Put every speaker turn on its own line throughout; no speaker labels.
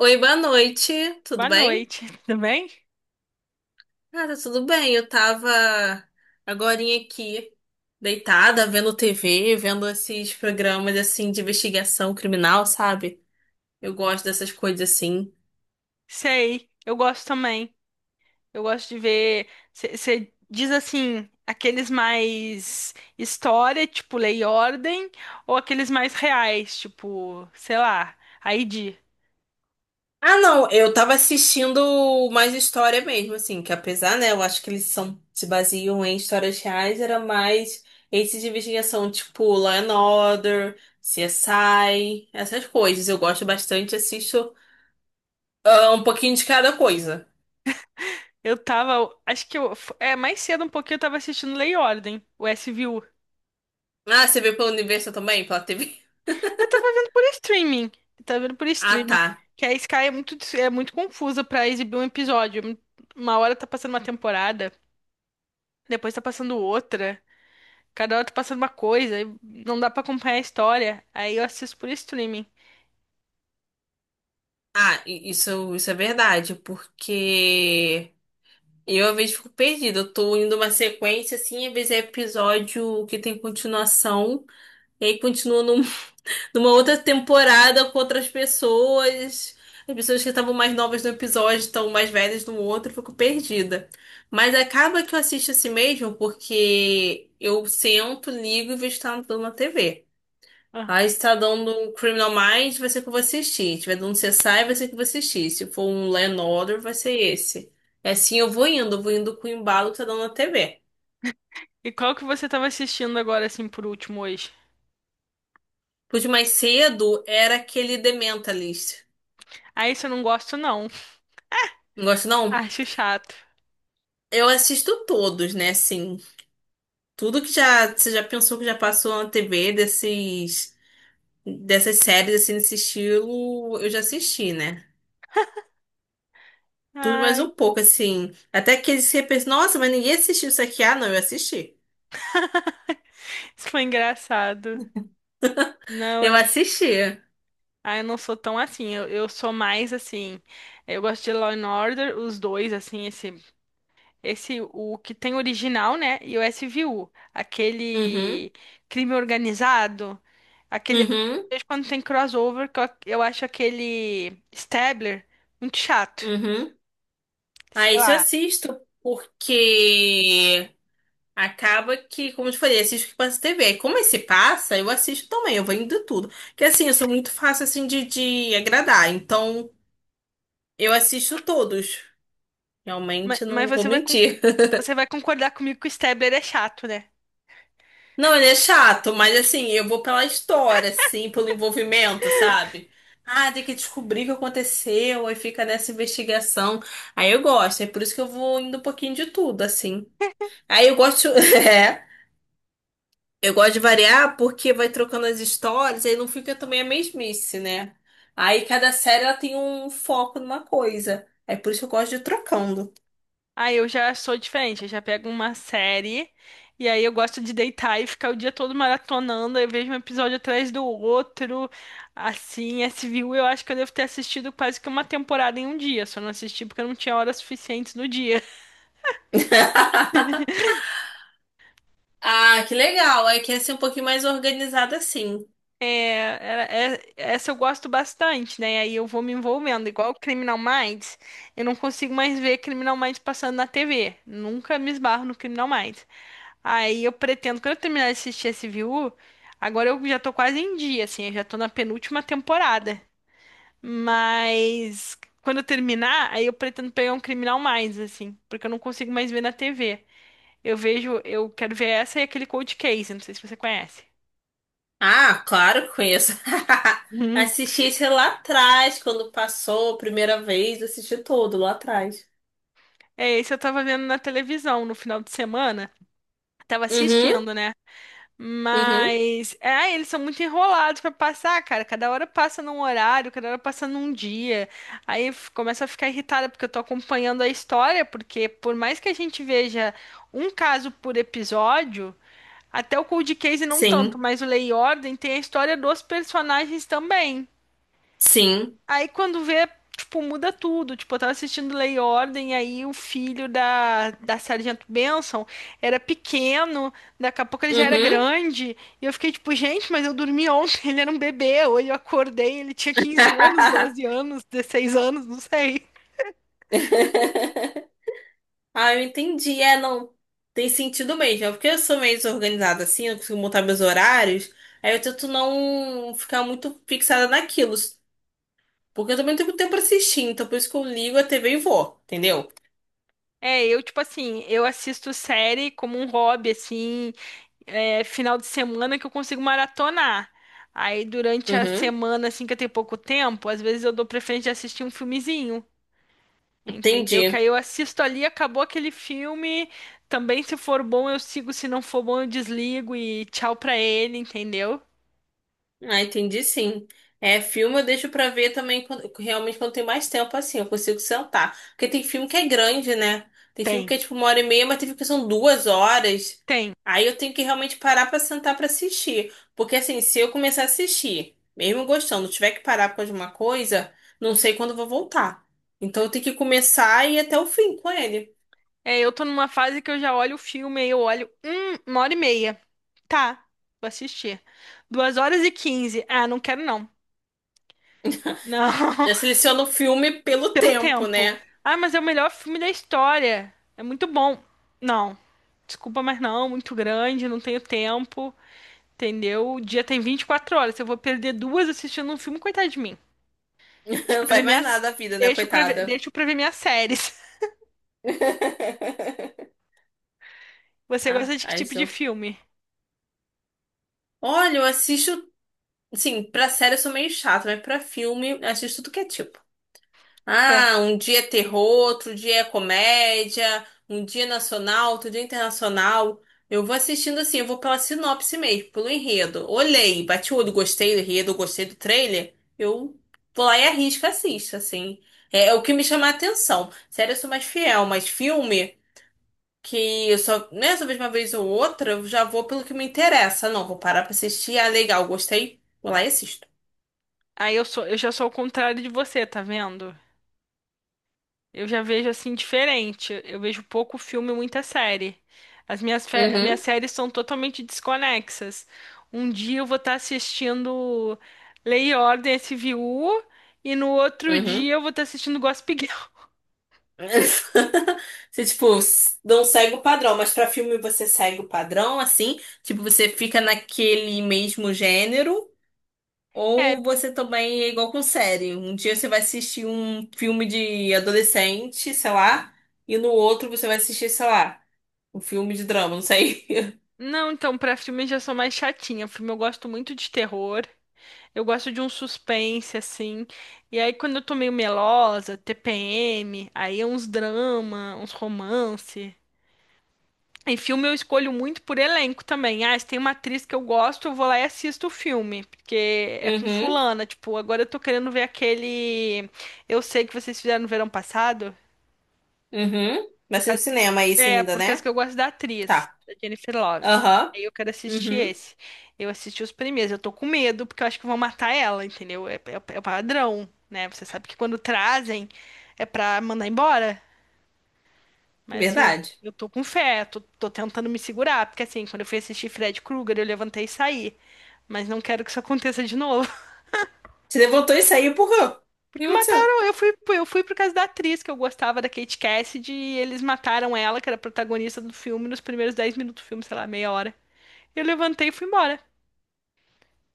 Oi, boa noite, tudo
Boa
bem?
noite, tudo bem?
Ah, tá tudo bem. Eu tava agorinha aqui, deitada, vendo TV, vendo esses programas assim de investigação criminal, sabe? Eu gosto dessas coisas assim.
Sei, eu gosto também. Eu gosto de ver. Você diz assim, aqueles mais história, tipo Lei e Ordem, ou aqueles mais reais, tipo, sei lá, ID.
Ah, não, eu tava assistindo mais história mesmo, assim, que apesar, né, eu acho que eles são, se baseiam em histórias reais, era mais esses de investigação, tipo Law and Order, CSI, essas coisas. Eu gosto bastante, assisto um pouquinho de cada coisa.
Eu tava, acho que eu, é, Mais cedo um pouquinho eu tava assistindo Lei e Ordem, o SVU.
Ah, você veio pelo universo também? Pela TV?
Eu tava vendo por streaming, eu tava vendo por
Ah,
streaming,
tá.
que a Sky é muito confusa pra exibir um episódio. Uma hora tá passando uma temporada, depois tá passando outra. Cada hora tá passando uma coisa, e não dá pra acompanhar a história. Aí eu assisto por streaming.
Ah, isso, é verdade, porque eu às vezes fico perdida. Eu tô indo uma sequência assim, às vezes é episódio que tem continuação, e aí continua numa outra temporada com outras pessoas. As pessoas que estavam mais novas no episódio estão mais velhas no outro, eu fico perdida. Mas acaba que eu assisto assim mesmo, porque eu sento, ligo e vejo que tá dando na TV.
Ah.
Aí se tá dando um Criminal Minds, vai ser o que eu vou assistir. Se tiver dando CSI, vai ser o que eu vou assistir. Se for um Law and Order, vai ser esse. É assim, eu vou indo com o embalo que tá dando na TV.
E qual que você tava assistindo agora, assim, por último hoje?
Por de mais cedo era aquele The Mentalist.
Ah, isso eu não gosto, não.
Não gosto, não?
Acho chato.
Eu assisto todos, né? Assim, tudo que já você já pensou que já passou na TV desses dessas séries assim nesse estilo, eu já assisti, né? Tudo mais
Ai,
um pouco assim, até que eles pensam, nossa, mas ninguém assistiu isso aqui. Ah, não, eu assisti.
isso foi engraçado. Não,
Eu
eu,
assisti.
ah, eu não sou tão assim. Eu sou mais assim. Eu gosto de Law and Order, os dois, assim, esse, o que tem original, né? E o S SVU,
Uhum,
aquele crime organizado, aquele. De
uhum,
vez em quando tem crossover, que eu acho aquele Stabler muito chato.
uhum. Ah,
Sei
isso eu
lá.
assisto, porque acaba que, como eu te falei, assisto o que passa na TV. Aí, como esse passa, eu assisto também, eu vou indo tudo. Porque assim, eu sou muito fácil assim de agradar, então eu assisto todos.
Ma-
Realmente
Mas,
não vou
você vai, con-
mentir.
Você vai concordar comigo que o Stabler é chato, né?
Não, ele é chato, mas assim, eu vou pela história, assim, pelo envolvimento, sabe? Ah, tem que descobrir o que aconteceu, aí fica nessa investigação. Aí eu gosto, é por isso que eu vou indo um pouquinho de tudo, assim. Aí eu gosto. É. Eu gosto de variar porque vai trocando as histórias, aí não fica também a mesmice, né? Aí cada série ela tem um foco numa coisa. É por isso que eu gosto de ir trocando.
Aí eu já sou diferente, eu já pego uma série e aí eu gosto de deitar e ficar o dia todo maratonando, aí eu vejo um episódio atrás do outro. Assim, esse viu. Eu acho que eu devo ter assistido quase que uma temporada em um dia, só não assisti porque eu não tinha horas suficientes no dia.
Ah, que legal. Aí quer ser um pouquinho mais organizada assim.
É, Essa eu gosto bastante, né? Aí eu vou me envolvendo. Igual Criminal Minds, eu não consigo mais ver Criminal Minds passando na TV. Nunca me esbarro no Criminal Minds. Aí eu pretendo, quando eu terminar de assistir esse SVU, agora eu já tô quase em dia, assim, eu já tô na penúltima temporada. Mas quando eu terminar, aí eu pretendo pegar um Criminal mais assim, porque eu não consigo mais ver na TV. Eu vejo, eu quero ver essa e aquele Cold Case, não sei se você conhece.
Ah, claro que conheço.
Uhum.
Assisti esse lá atrás, quando passou a primeira vez, assisti todo lá atrás.
É, esse eu tava vendo na televisão no final de semana. Tava
Uhum,
assistindo, né?
uhum.
Mas, eles são muito enrolados pra passar, cara. Cada hora passa num horário, cada hora passa num dia. Começa a ficar irritada porque eu tô acompanhando a história, porque por mais que a gente veja um caso por episódio, até o Cold Case não tanto,
Sim,
mas o Lei e Ordem tem a história dos personagens também.
sim.
Aí quando vê, tipo, muda tudo. Tipo, eu tava assistindo Lei e Ordem, aí o filho da Sargento Benson era pequeno, daqui a pouco ele já era
Uhum.
grande. E eu fiquei tipo, gente, mas eu dormi ontem, ele era um bebê. Hoje eu acordei, ele tinha 15 anos, 12 anos, 16 anos, não sei.
Ah, eu entendi. É, não. Tem sentido mesmo. É porque eu sou meio desorganizada assim, eu consigo montar meus horários. Aí eu tento não ficar muito fixada naquilo. Porque eu também não tenho tempo pra assistir. Então por isso que eu ligo a TV e vou. Entendeu?
Eu, tipo assim, eu assisto série como um hobby, assim, é, final de semana que eu consigo maratonar. Aí durante a
Uhum.
semana, assim, que eu tenho pouco tempo, às vezes eu dou preferência de assistir um filmezinho. Entendeu? Que aí
Entendi.
eu assisto ali, acabou aquele filme. Também, se for bom, eu sigo. Se não for bom, eu desligo e tchau pra ele, entendeu?
Ah, entendi sim. É, filme eu deixo pra ver também quando- realmente quando tem mais tempo assim, eu consigo sentar. Porque tem filme que é grande, né? Tem filme
Tem,
que é tipo uma hora e meia, mas tem filme que são duas horas.
Tem.
Aí eu tenho que realmente parar pra sentar pra assistir. Porque assim, se eu começar a assistir, mesmo gostando, tiver que parar por causa de uma coisa, não sei quando eu vou voltar. Então eu tenho que começar e ir até o fim com ele.
É, eu tô numa fase que eu já olho o filme, aí eu olho, uma hora e meia. Tá, vou assistir. Duas horas e quinze. Ah, não quero não. Não,
Já seleciono o filme pelo
pelo
tempo,
tempo.
né?
Ah, mas é o melhor filme da história. É muito bom. Não, desculpa, mas não, muito grande, não tenho tempo. Entendeu? O dia tem 24 horas. Se eu vou perder duas assistindo um filme, coitado de mim. Deixa
Não
pra ver
faz mais
minhas.
nada a vida, né, coitada?
Deixa pra ver minhas séries. Você
Ah,
gosta de que
aí
tipo de filme?
olha, eu assisto, assim, pra série eu sou meio chata, mas pra filme eu assisto tudo que é tipo.
Pra-
Ah, um dia é terror, outro dia é comédia, um dia é nacional, outro dia é internacional. Eu vou assistindo assim, eu vou pela sinopse mesmo, pelo enredo. Olhei, bati o olho, gostei do enredo, gostei do trailer, eu vou lá e arrisco, assisto, assim. É, é o que me chama a atenção. Série eu sou mais fiel, mas filme que eu só, né, só vejo uma vez ou outra, eu já vou pelo que me interessa. Não, vou parar pra assistir. Ah, legal, gostei. Vou lá e assisto.
Aí eu sou, eu já sou ao contrário de você, tá vendo? Eu já vejo assim diferente. Eu vejo pouco filme e muita série. As minhas
Uhum,
séries são totalmente desconexas. Um dia eu vou estar assistindo Lei e Ordem SVU e no outro
uhum.
dia eu vou estar assistindo Gossip Girl.
Você, tipo, s- não segue o padrão, mas pra filme você segue o padrão, assim? Tipo, você fica naquele mesmo gênero?
É.
Ou você também é igual com série? Um dia você vai assistir um filme de adolescente, sei lá, e no outro você vai assistir, sei lá, um filme de drama, não sei.
Não, então, pra filmes já sou mais chatinha. Filme eu gosto muito de terror. Eu gosto de um suspense, assim. E aí, quando eu tô meio melosa, TPM, aí é uns drama, uns romance. Em filme eu escolho muito por elenco também. Ah, se tem uma atriz que eu gosto, eu vou lá e assisto o filme. Porque é com
Uhum.
fulana. Tipo, agora eu tô querendo ver aquele. Eu sei que vocês fizeram no verão passado.
Uhum. Vai
Por
ser no
causa que,
cinema isso ainda,
por causa
né?
que eu gosto da atriz,
Tá.
da Jennifer Love.
Aham.
Aí eu quero assistir
Uhum.
esse. Eu assisti os primeiros. Eu tô com medo, porque eu acho que vão matar ela, entendeu? É o padrão, né? Você sabe que quando trazem é pra mandar embora. Mas assim,
Verdade.
eu tô com fé, tô tentando me segurar, porque assim, quando eu fui assistir Fred Krueger, eu levantei e saí. Mas não quero que isso aconteça de novo.
Você levantou e saiu por quê? O que
Porque
aconteceu?
mataram, eu fui por causa da atriz que eu gostava da Kate Cassidy e eles mataram ela, que era a protagonista do filme, nos primeiros 10 minutos do filme, sei lá, meia hora. Eu levantei e fui embora.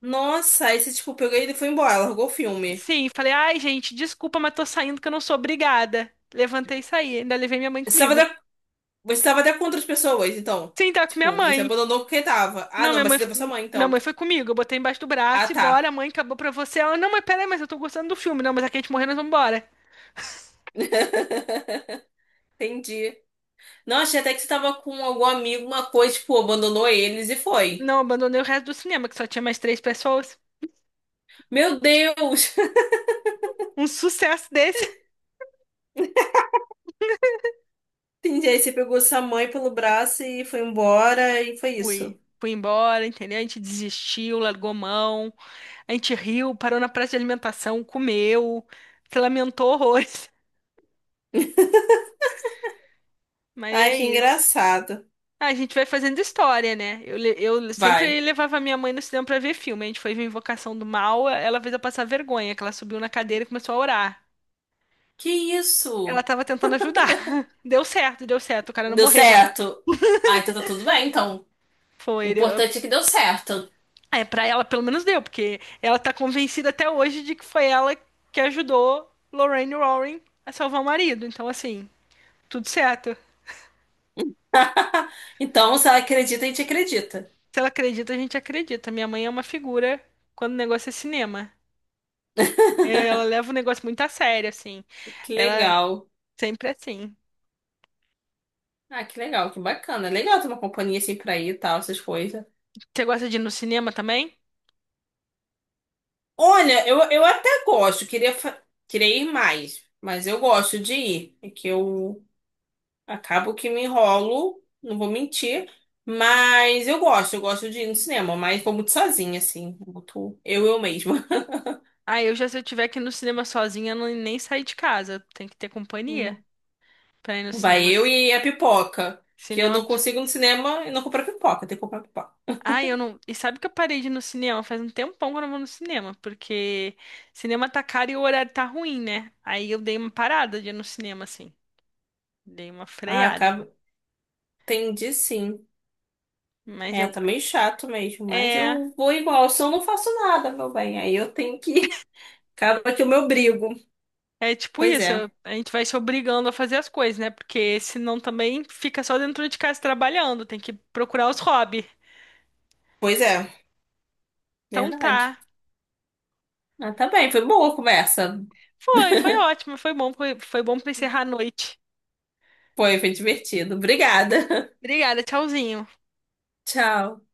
Nossa, aí você, tipo, pegou ele e foi embora, largou o filme.
Sim, falei, ai, gente, desculpa, mas tô saindo que eu não sou obrigada. Levantei e saí, ainda levei minha mãe
Você tava
comigo.
até, você tava até com outras pessoas, então.
Sim, tá com minha
Tipo, você
mãe.
abandonou porque tava. Ah,
Não,
não, mas você levou sua mãe,
minha
então.
mãe foi comigo, eu botei embaixo do
Ah,
braço e
tá.
bora, mãe, acabou pra você. Ela, não, mas peraí, mas eu tô gostando do filme. Não, mas a Kate morreu, nós vamos embora.
Entendi. Não, achei até que você tava com algum amigo, uma coisa, tipo, abandonou eles e foi.
Não, abandonei o resto do cinema, que só tinha mais três pessoas.
Meu Deus!
Um sucesso desse.
Entendi. Aí você pegou sua mãe pelo braço e foi embora, e foi
Fui.
isso.
Fui embora, entendeu? A gente desistiu, largou mão, a gente riu, parou na praça de alimentação, comeu, se lamentou horrores. Mas
Ai,
é
que
isso.
engraçado.
Ah, a gente vai fazendo história, né? Eu sempre
Vai.
levava minha mãe no cinema pra ver filme. A gente foi ver Invocação do Mal, ela fez eu passar vergonha, que ela subiu na cadeira e começou a orar.
Que
Ela
isso?
tava tentando ajudar. Deu certo, o cara não
Deu
morreu.
certo? Ah, então tá tudo bem, então. O
Foi.
importante é que deu certo.
Pra ela pelo menos deu, porque ela tá convencida até hoje de que foi ela que ajudou Lorraine Warren a salvar o marido. Então, assim, tudo certo.
Então, se ela acredita, a gente acredita.
Se ela acredita, a gente acredita. Minha mãe é uma figura quando o negócio é cinema. Ela leva o negócio muito a sério, assim.
Que
Ela
legal.
sempre é assim.
Ah, que legal, que bacana. Legal ter uma companhia assim pra ir e tal, essas coisas.
Você gosta de ir no cinema também?
Olha, eu até gosto, queria ir mais, mas eu gosto de ir. É que eu acabo que me enrolo, não vou mentir, mas eu gosto de ir no cinema, mas vou muito sozinha, assim, muito eu mesma.
Ah, eu já se eu tiver que ir no cinema sozinha, eu não, nem sair de casa. Tem que ter companhia
Hum.
pra ir nos
Vai eu
cinemas.
e a pipoca. Que eu
Cinema.
não consigo ir no cinema e não comprar pipoca. Tem que comprar pipoca.
Ai, eu não. E sabe que eu parei de ir no cinema? Faz um tempão que eu não vou no cinema, porque cinema tá caro e o horário tá ruim, né? Aí eu dei uma parada de ir no cinema, assim. Dei uma
Ah,
freada.
acaba... Entendi, sim.
Mas
É,
eu.
tá meio chato mesmo, mas
É.
eu vou igual. Se eu não faço nada, meu bem, aí eu tenho que... ir. Acaba que eu me obrigo.
É tipo
Pois
isso, eu-
é.
a gente vai se obrigando a fazer as coisas, né? Porque senão também fica só dentro de casa trabalhando, tem que procurar os hobbies.
Pois é.
Então
Verdade.
tá.
Ah, tá bem. Foi boa a conversa.
Foi, foi ótimo, foi bom, foi bom pra encerrar a noite.
Foi divertido. Obrigada.
Obrigada, tchauzinho.
Tchau.